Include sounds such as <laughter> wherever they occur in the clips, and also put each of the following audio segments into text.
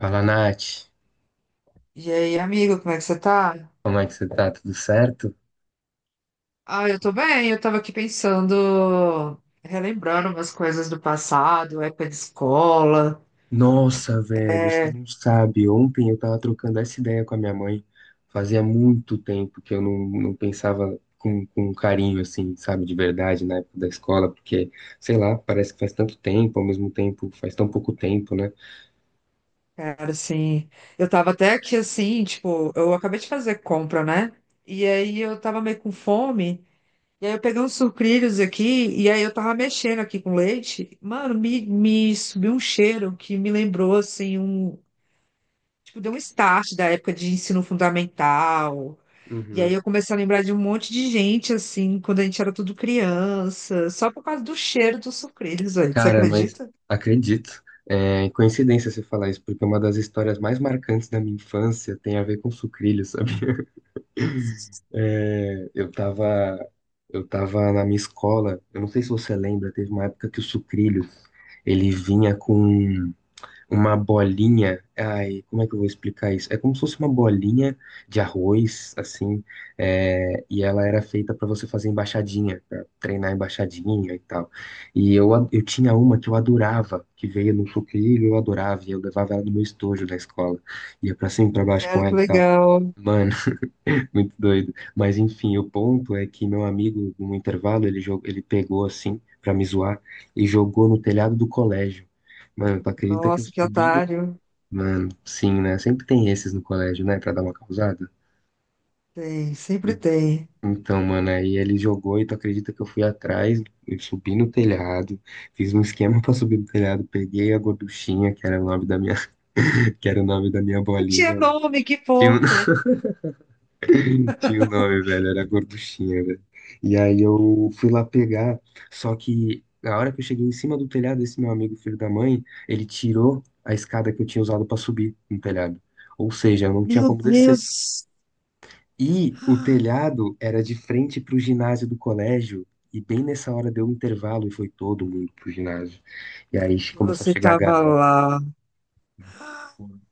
Fala, Nath. E aí, amigo, como é que você tá? Como é que você tá? Tudo certo? Ah, eu tô bem, eu tava aqui pensando, relembrando umas coisas do passado, época de escola. Nossa, velho, você É, não sabe. Ontem eu tava trocando essa ideia com a minha mãe. Fazia muito tempo que eu não pensava com um carinho, assim, sabe, de verdade, na época da escola, porque, sei lá, parece que faz tanto tempo, ao mesmo tempo, faz tão pouco tempo, né? cara, assim, eu tava até aqui assim, tipo, eu acabei de fazer compra, né? E aí eu tava meio com fome, e aí eu peguei uns sucrilhos aqui, e aí eu tava mexendo aqui com leite. Mano, me subiu um cheiro que me lembrou, assim, Tipo, deu um start da época de ensino fundamental. E aí Uhum. eu comecei a lembrar de um monte de gente, assim, quando a gente era tudo criança, só por causa do cheiro dos sucrilhos, velho. Você Cara, mas acredita? acredito. É coincidência você falar isso, porque uma das histórias mais marcantes da minha infância tem a ver com sucrilhos, <laughs> sabe? É, eu tava na minha escola, eu não sei se você lembra, teve uma época que o sucrilho, ele vinha com uma bolinha, ai, como é que eu vou explicar isso? É como se fosse uma bolinha de arroz, assim, é, e ela era feita pra você fazer embaixadinha, pra treinar embaixadinha e tal. E eu, eu tinha uma que eu adorava, que veio no sucrilho, eu adorava, e eu levava ela no meu estojo da escola, ia pra cima e pra baixo Cara, com que ela e tal. legal. Mano, <laughs> muito doido. Mas enfim, o ponto é que meu amigo, no intervalo, ele pegou assim, pra me zoar, e jogou no telhado do colégio. Mano, tu acredita que eu Nossa, que subi no. otário. Mano, sim, né? Sempre tem esses no colégio, né? Pra dar uma causada. Tem, sempre tem. Então, mano, aí ele jogou e tu acredita que eu fui atrás, eu subi no telhado, fiz um esquema <laughs> pra subir no telhado, peguei a gorduchinha, que era o nome da minha, <laughs> que era o nome da minha Não tinha bolinha lá. nome, que Tinha. Fofo. Tinha o nome, velho, era gorduchinha, velho. E aí eu fui lá pegar, só que na hora que eu cheguei em cima do telhado, esse meu amigo, filho da mãe, ele tirou a escada que eu tinha usado pra subir no telhado. Ou seja, eu não tinha Meu como descer. Deus, E o telhado era de frente pro ginásio do colégio, e bem nessa hora deu um intervalo e foi todo mundo pro ginásio. E aí começou a você chegar a tava galera lá.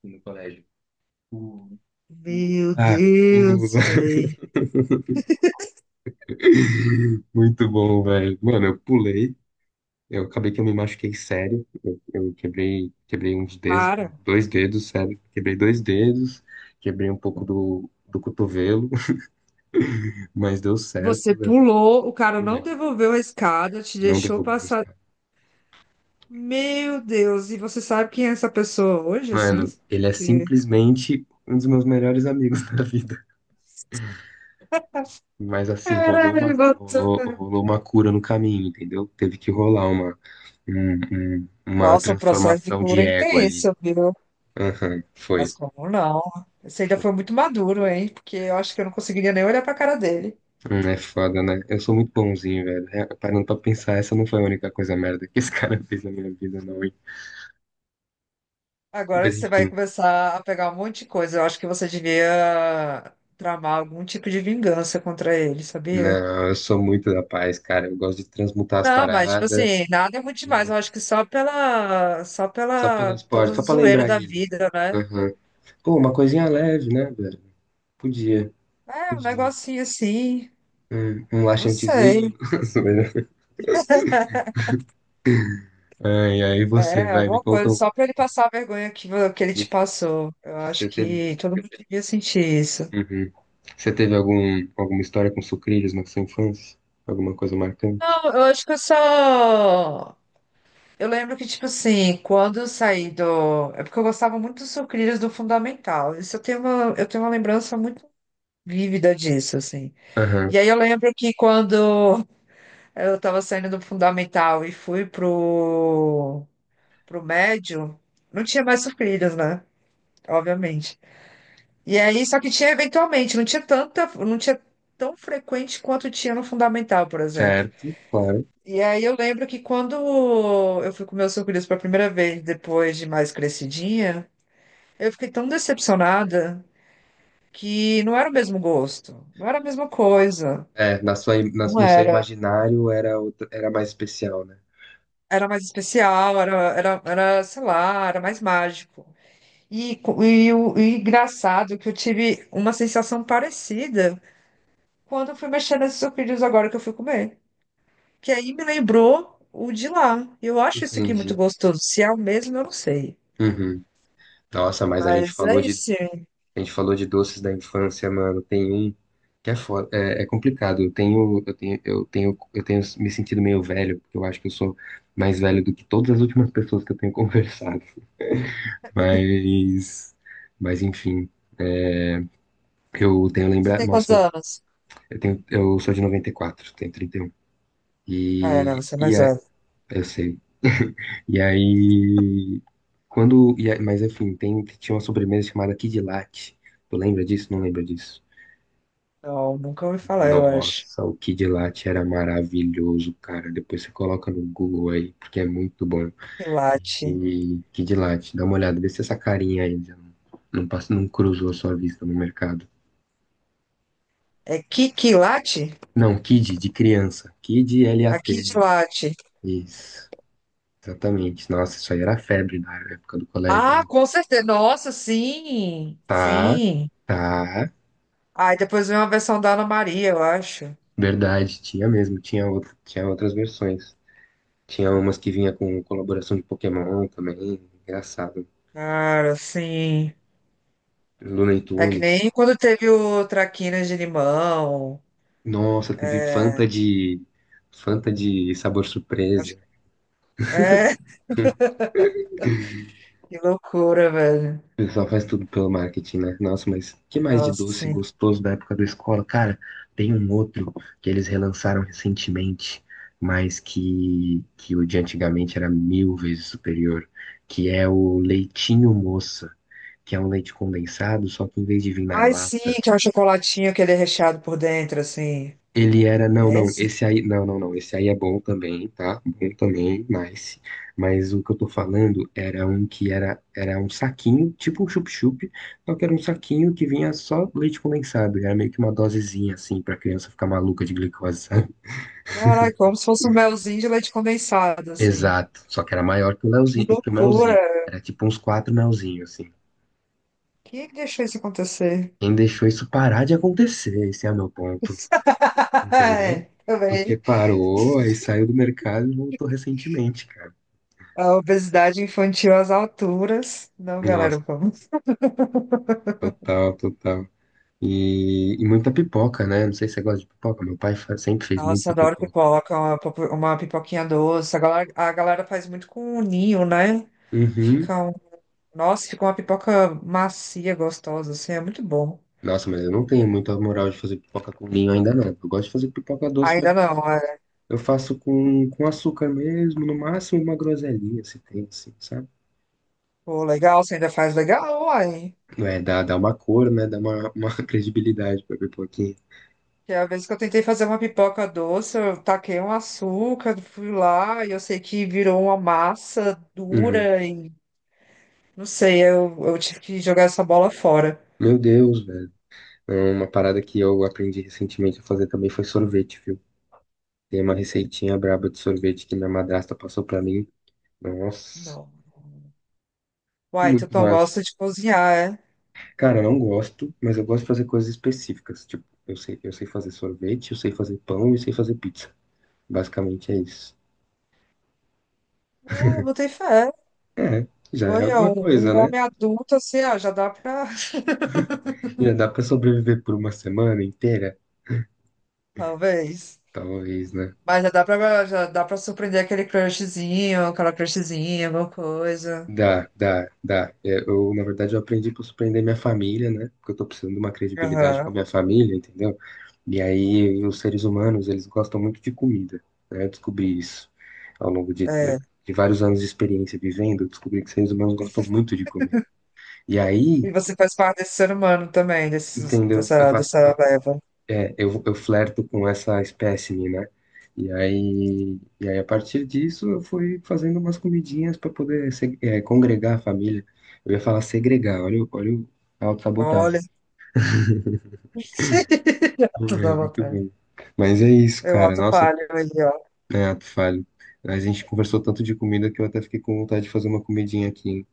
no colégio. Uh, uh, Meu ah, Deus, uh. velho. <laughs> Muito bom, velho. Mano, eu pulei. Eu acabei que eu me machuquei sério. Eu quebrei uns dedos, Cara, dois dedos, sério. Quebrei dois dedos, quebrei um pouco do cotovelo, <laughs> mas deu certo, você eu pulou, o cara não pulei. devolveu a escada, te Não deixou derrubou meus passar. caras. Meu Deus, e você sabe quem é essa pessoa hoje, assim? Mano, ele é simplesmente um dos meus melhores amigos <laughs> da vida. Mas assim, Caralho, doutor. rolou uma cura no caminho, entendeu? Teve que rolar uma Nossa, o processo de transformação de cura é ego ali. intenso, viu? Aham, Mas foi. como não? Você ainda foi muito maduro, hein? Porque eu acho que eu não conseguiria nem olhar pra cara dele. É foda, né? Eu sou muito bonzinho, velho. É, parando pra pensar, essa não foi a única coisa merda que esse cara <laughs> fez na minha vida, não, hein? Agora Mas você vai enfim, começar a pegar um monte de coisa. Eu acho que você devia tramar algum tipo de vingança contra ele, sabia? não, eu sou muito da paz, cara. Eu gosto de transmutar as Não, mas tipo paradas, assim, nada é muito demais. né? Eu acho que só pela, só Só pelo pela toda esporte, a só pra zoeira lembrar da ele. vida, né? Aham. Pô, uma coisinha leve, né, velho? Podia, É, um podia. negocinho assim. Um Não sei. laxantezinho. <laughs> Zoeira. Ai, aí você, É, vai, me alguma coisa, conta. Só pra ele passar a vergonha que, que ele te me- passou. Eu acho Você teve, que todo mundo devia sentir isso. Uhum. Você teve algum, alguma história com sucrilhos na sua infância? Alguma coisa marcante? Não, eu acho que eu só. Eu lembro que, tipo assim, quando eu saí do. É porque eu gostava muito dos sucrilhos do Fundamental. Isso eu tenho uma lembrança muito vívida disso, assim. Aham. E aí eu lembro que quando eu tava saindo do Fundamental e fui pro, pro médio, não tinha mais sucrilhos, né? Obviamente. E aí, só que tinha eventualmente, não tinha tão frequente quanto tinha no fundamental, por exemplo. Certo, claro. E aí eu lembro que quando eu fui comer o sucrilhos pela primeira vez, depois de mais crescidinha, eu fiquei tão decepcionada que não era o mesmo gosto, não era a mesma coisa, É, na sua, im- na- não no seu era. imaginário era mais especial, né? Era mais especial, sei lá, era mais mágico. E engraçado que eu tive uma sensação parecida quando eu fui mexer nesses sucrilhos agora que eu fui comer, que aí me lembrou o de lá. E eu acho isso aqui muito Entendi. gostoso. Se é o mesmo, eu não sei. Uhum. Nossa, mas Mas é isso, sim. a gente falou de doces da infância, mano. Tem um que é foda, é, é complicado. Eu tenho me sentido meio velho, porque eu acho que eu sou mais velho do que todas as últimas pessoas que eu tenho <laughs> conversado. Mas, mas enfim, eu tenho Você lembrar, tem quantos nossa, anos? Eu sou de noventa e quatro, tenho 31. Ah, é, não, E, você é um. e e mais é, velho. eu sei. E aí, mas enfim, tinha uma sobremesa chamada Kid Latte. Tu lembra disso? Não lembra disso. Não, nunca ouvi falar, eu acho. Nossa, o Kid Latte era maravilhoso, cara. Depois você coloca no Google aí, porque é muito bom. Quilate. E Kid Latte, dá uma olhada, vê se essa carinha ainda não, passa, não cruzou a sua vista no mercado. É Kikilate? Não, Kid, de criança. Kid A Lat de. Kitilate. Isso, exatamente. Nossa, isso aí era febre na época do colégio, Ah, né? com certeza. Nossa, sim. Tá, Sim. tá. Ah, e depois veio uma versão da Ana Maria, eu acho. Verdade, tinha mesmo, tinha outras versões. Tinha umas que vinha com colaboração de Pokémon também, engraçado. Cara, sim. Looney É que Tunes. nem quando teve o Traquinas de Limão. Nossa, teve Fanta de sabor Acho surpresa. que... É, <laughs> que loucura, velho. O pessoal faz tudo pelo marketing, né? Nossa, mas que mais de Nossa, doce sim. gostoso da época da escola? Cara, tem um outro que eles relançaram recentemente, mas que o de antigamente era mil vezes superior, que é o Leitinho Moça. Que é um leite condensado, só que em vez de vir na Ai, sim, lata, que é o chocolatinho que ele é recheado por dentro, assim. Não, É não, esse? esse aí, não, não, não, esse aí é bom também, tá? Bom também, nice. Mas o que eu tô falando era um que era um saquinho, tipo um chup-chup, só que era um saquinho que vinha só leite condensado, e era meio que uma dosezinha, assim, pra criança ficar maluca de glicose, sabe? <laughs> Caraca, como se fosse um melzinho de leite condensado, assim. Exato, só que era maior que o Que Leozinho, que o loucura! melzinho. Era tipo uns quatro melzinhos, assim. Quem é que deixou isso acontecer? Quem deixou isso parar de acontecer? Esse é o meu ponto, <laughs> entendeu? É, Porque também. parou, aí saiu do mercado e voltou recentemente, cara. A obesidade infantil às alturas. Não, galera, Nossa, vamos. total, total. E muita pipoca, né? Não sei se você gosta de pipoca. Meu pai sempre fez Nossa, muita adoro pipoca. pipoca, uma pipoquinha doce. A galera faz muito com o ninho, né? Uhum. Fica um... Nossa, fica uma pipoca macia, gostosa, assim, é muito bom. Nossa, mas eu não tenho muita moral de fazer pipoca com vinho ainda, não. Eu gosto de fazer pipoca doce, mas Ainda eu faço, não. eu faço com açúcar mesmo, no máximo uma groselhinha, se tem, assim, sabe? Pô, legal, você ainda faz legal, uai. É, dá uma cor, né? Dá uma <laughs> credibilidade pra pipoquinha. Que é a vez que eu tentei fazer uma pipoca doce, eu taquei um açúcar, fui lá e eu sei que virou uma massa Uhum. dura e não sei, eu tive que jogar essa bola fora. Meu Deus, velho. Não, uma parada que eu aprendi recentemente a fazer também foi sorvete, viu? Tem uma receitinha braba de sorvete que minha madrasta passou pra mim. Nossa, Não. Uai, tu muito não massa. gosta de cozinhar, é? Cara, eu não gosto, mas eu gosto de fazer coisas específicas. Tipo, eu sei fazer sorvete, eu sei fazer pão e sei fazer pizza. Basicamente é isso. Pô, botei fé. É, já é Olha, alguma coisa, um né? homem adulto assim, ah, já dá pra. <laughs> Já dá pra sobreviver por uma semana inteira? Talvez. Talvez, né? Mas já dá pra surpreender aquele crushzinho, aquela crushzinha, alguma coisa. Dá, dá, dá. É. Eu, na verdade, eu aprendi para surpreender minha família, né? Porque eu tô precisando de uma credibilidade Aham, com a minha família, entendeu? E aí, os seres humanos, eles gostam muito de comida, né? Eu descobri isso ao longo de, é. de vários anos de experiência vivendo, eu descobri que seres humanos gostam muito de comer. E aí, E você faz parte desse ser humano também, entendeu? Eu faço. dessa leva. É, eu flerto com essa espécime, né? E aí, a partir disso, eu fui fazendo umas comidinhas para poder congregar a família. Eu ia falar segregar, olha, a autossabotagem. Olha, <laughs> tudo à É, muito vontade. bem. Mas é isso, Eu cara. auto Nossa, falho aí, ó. é, tu falho. A gente conversou tanto de comida que eu até fiquei com vontade de fazer uma comidinha aqui, hein?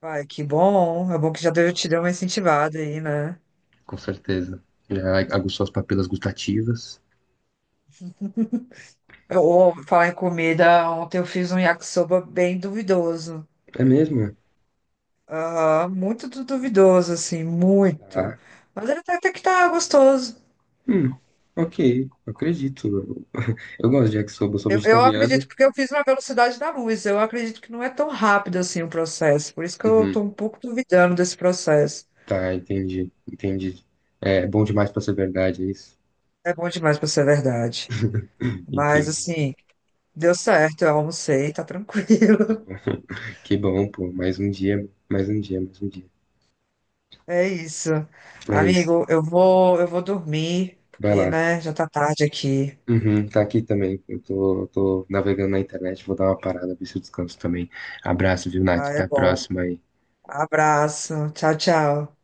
Ai, que bom. É bom que já deu, te deu uma incentivada aí, né? Com certeza. Já aguçou as papilas gustativas. Ou falar em comida, ontem eu fiz um yakisoba bem duvidoso. É mesmo? É? Aham, muito duvidoso, assim, muito. Ah, Mas ele até, até que tá gostoso. hum, ok, eu acredito. Eu <laughs> eu gosto de yakisoba, eu sou Eu acredito, vegetariano. porque eu fiz na velocidade da luz. Eu acredito que não é tão rápido assim o processo. Por isso que eu Uhum. tô um pouco duvidando desse processo. Tá, entendi, entendi. É bom demais pra ser verdade, é isso? É bom demais pra ser verdade. Mas, Entendi. assim, deu certo, eu almocei, tá tranquilo. <laughs> Que bom, pô. Mais um dia, mais um dia, mais um dia. É isso. É isso. Amigo, eu vou dormir, Vai porque, lá. né, já tá tarde aqui. Uhum, tá aqui também. Eu tô navegando na internet, vou dar uma parada, ver se eu descanso também. Abraço, viu, Nath? Ah, é Até a bom. próxima aí. Abraço. Tchau, tchau.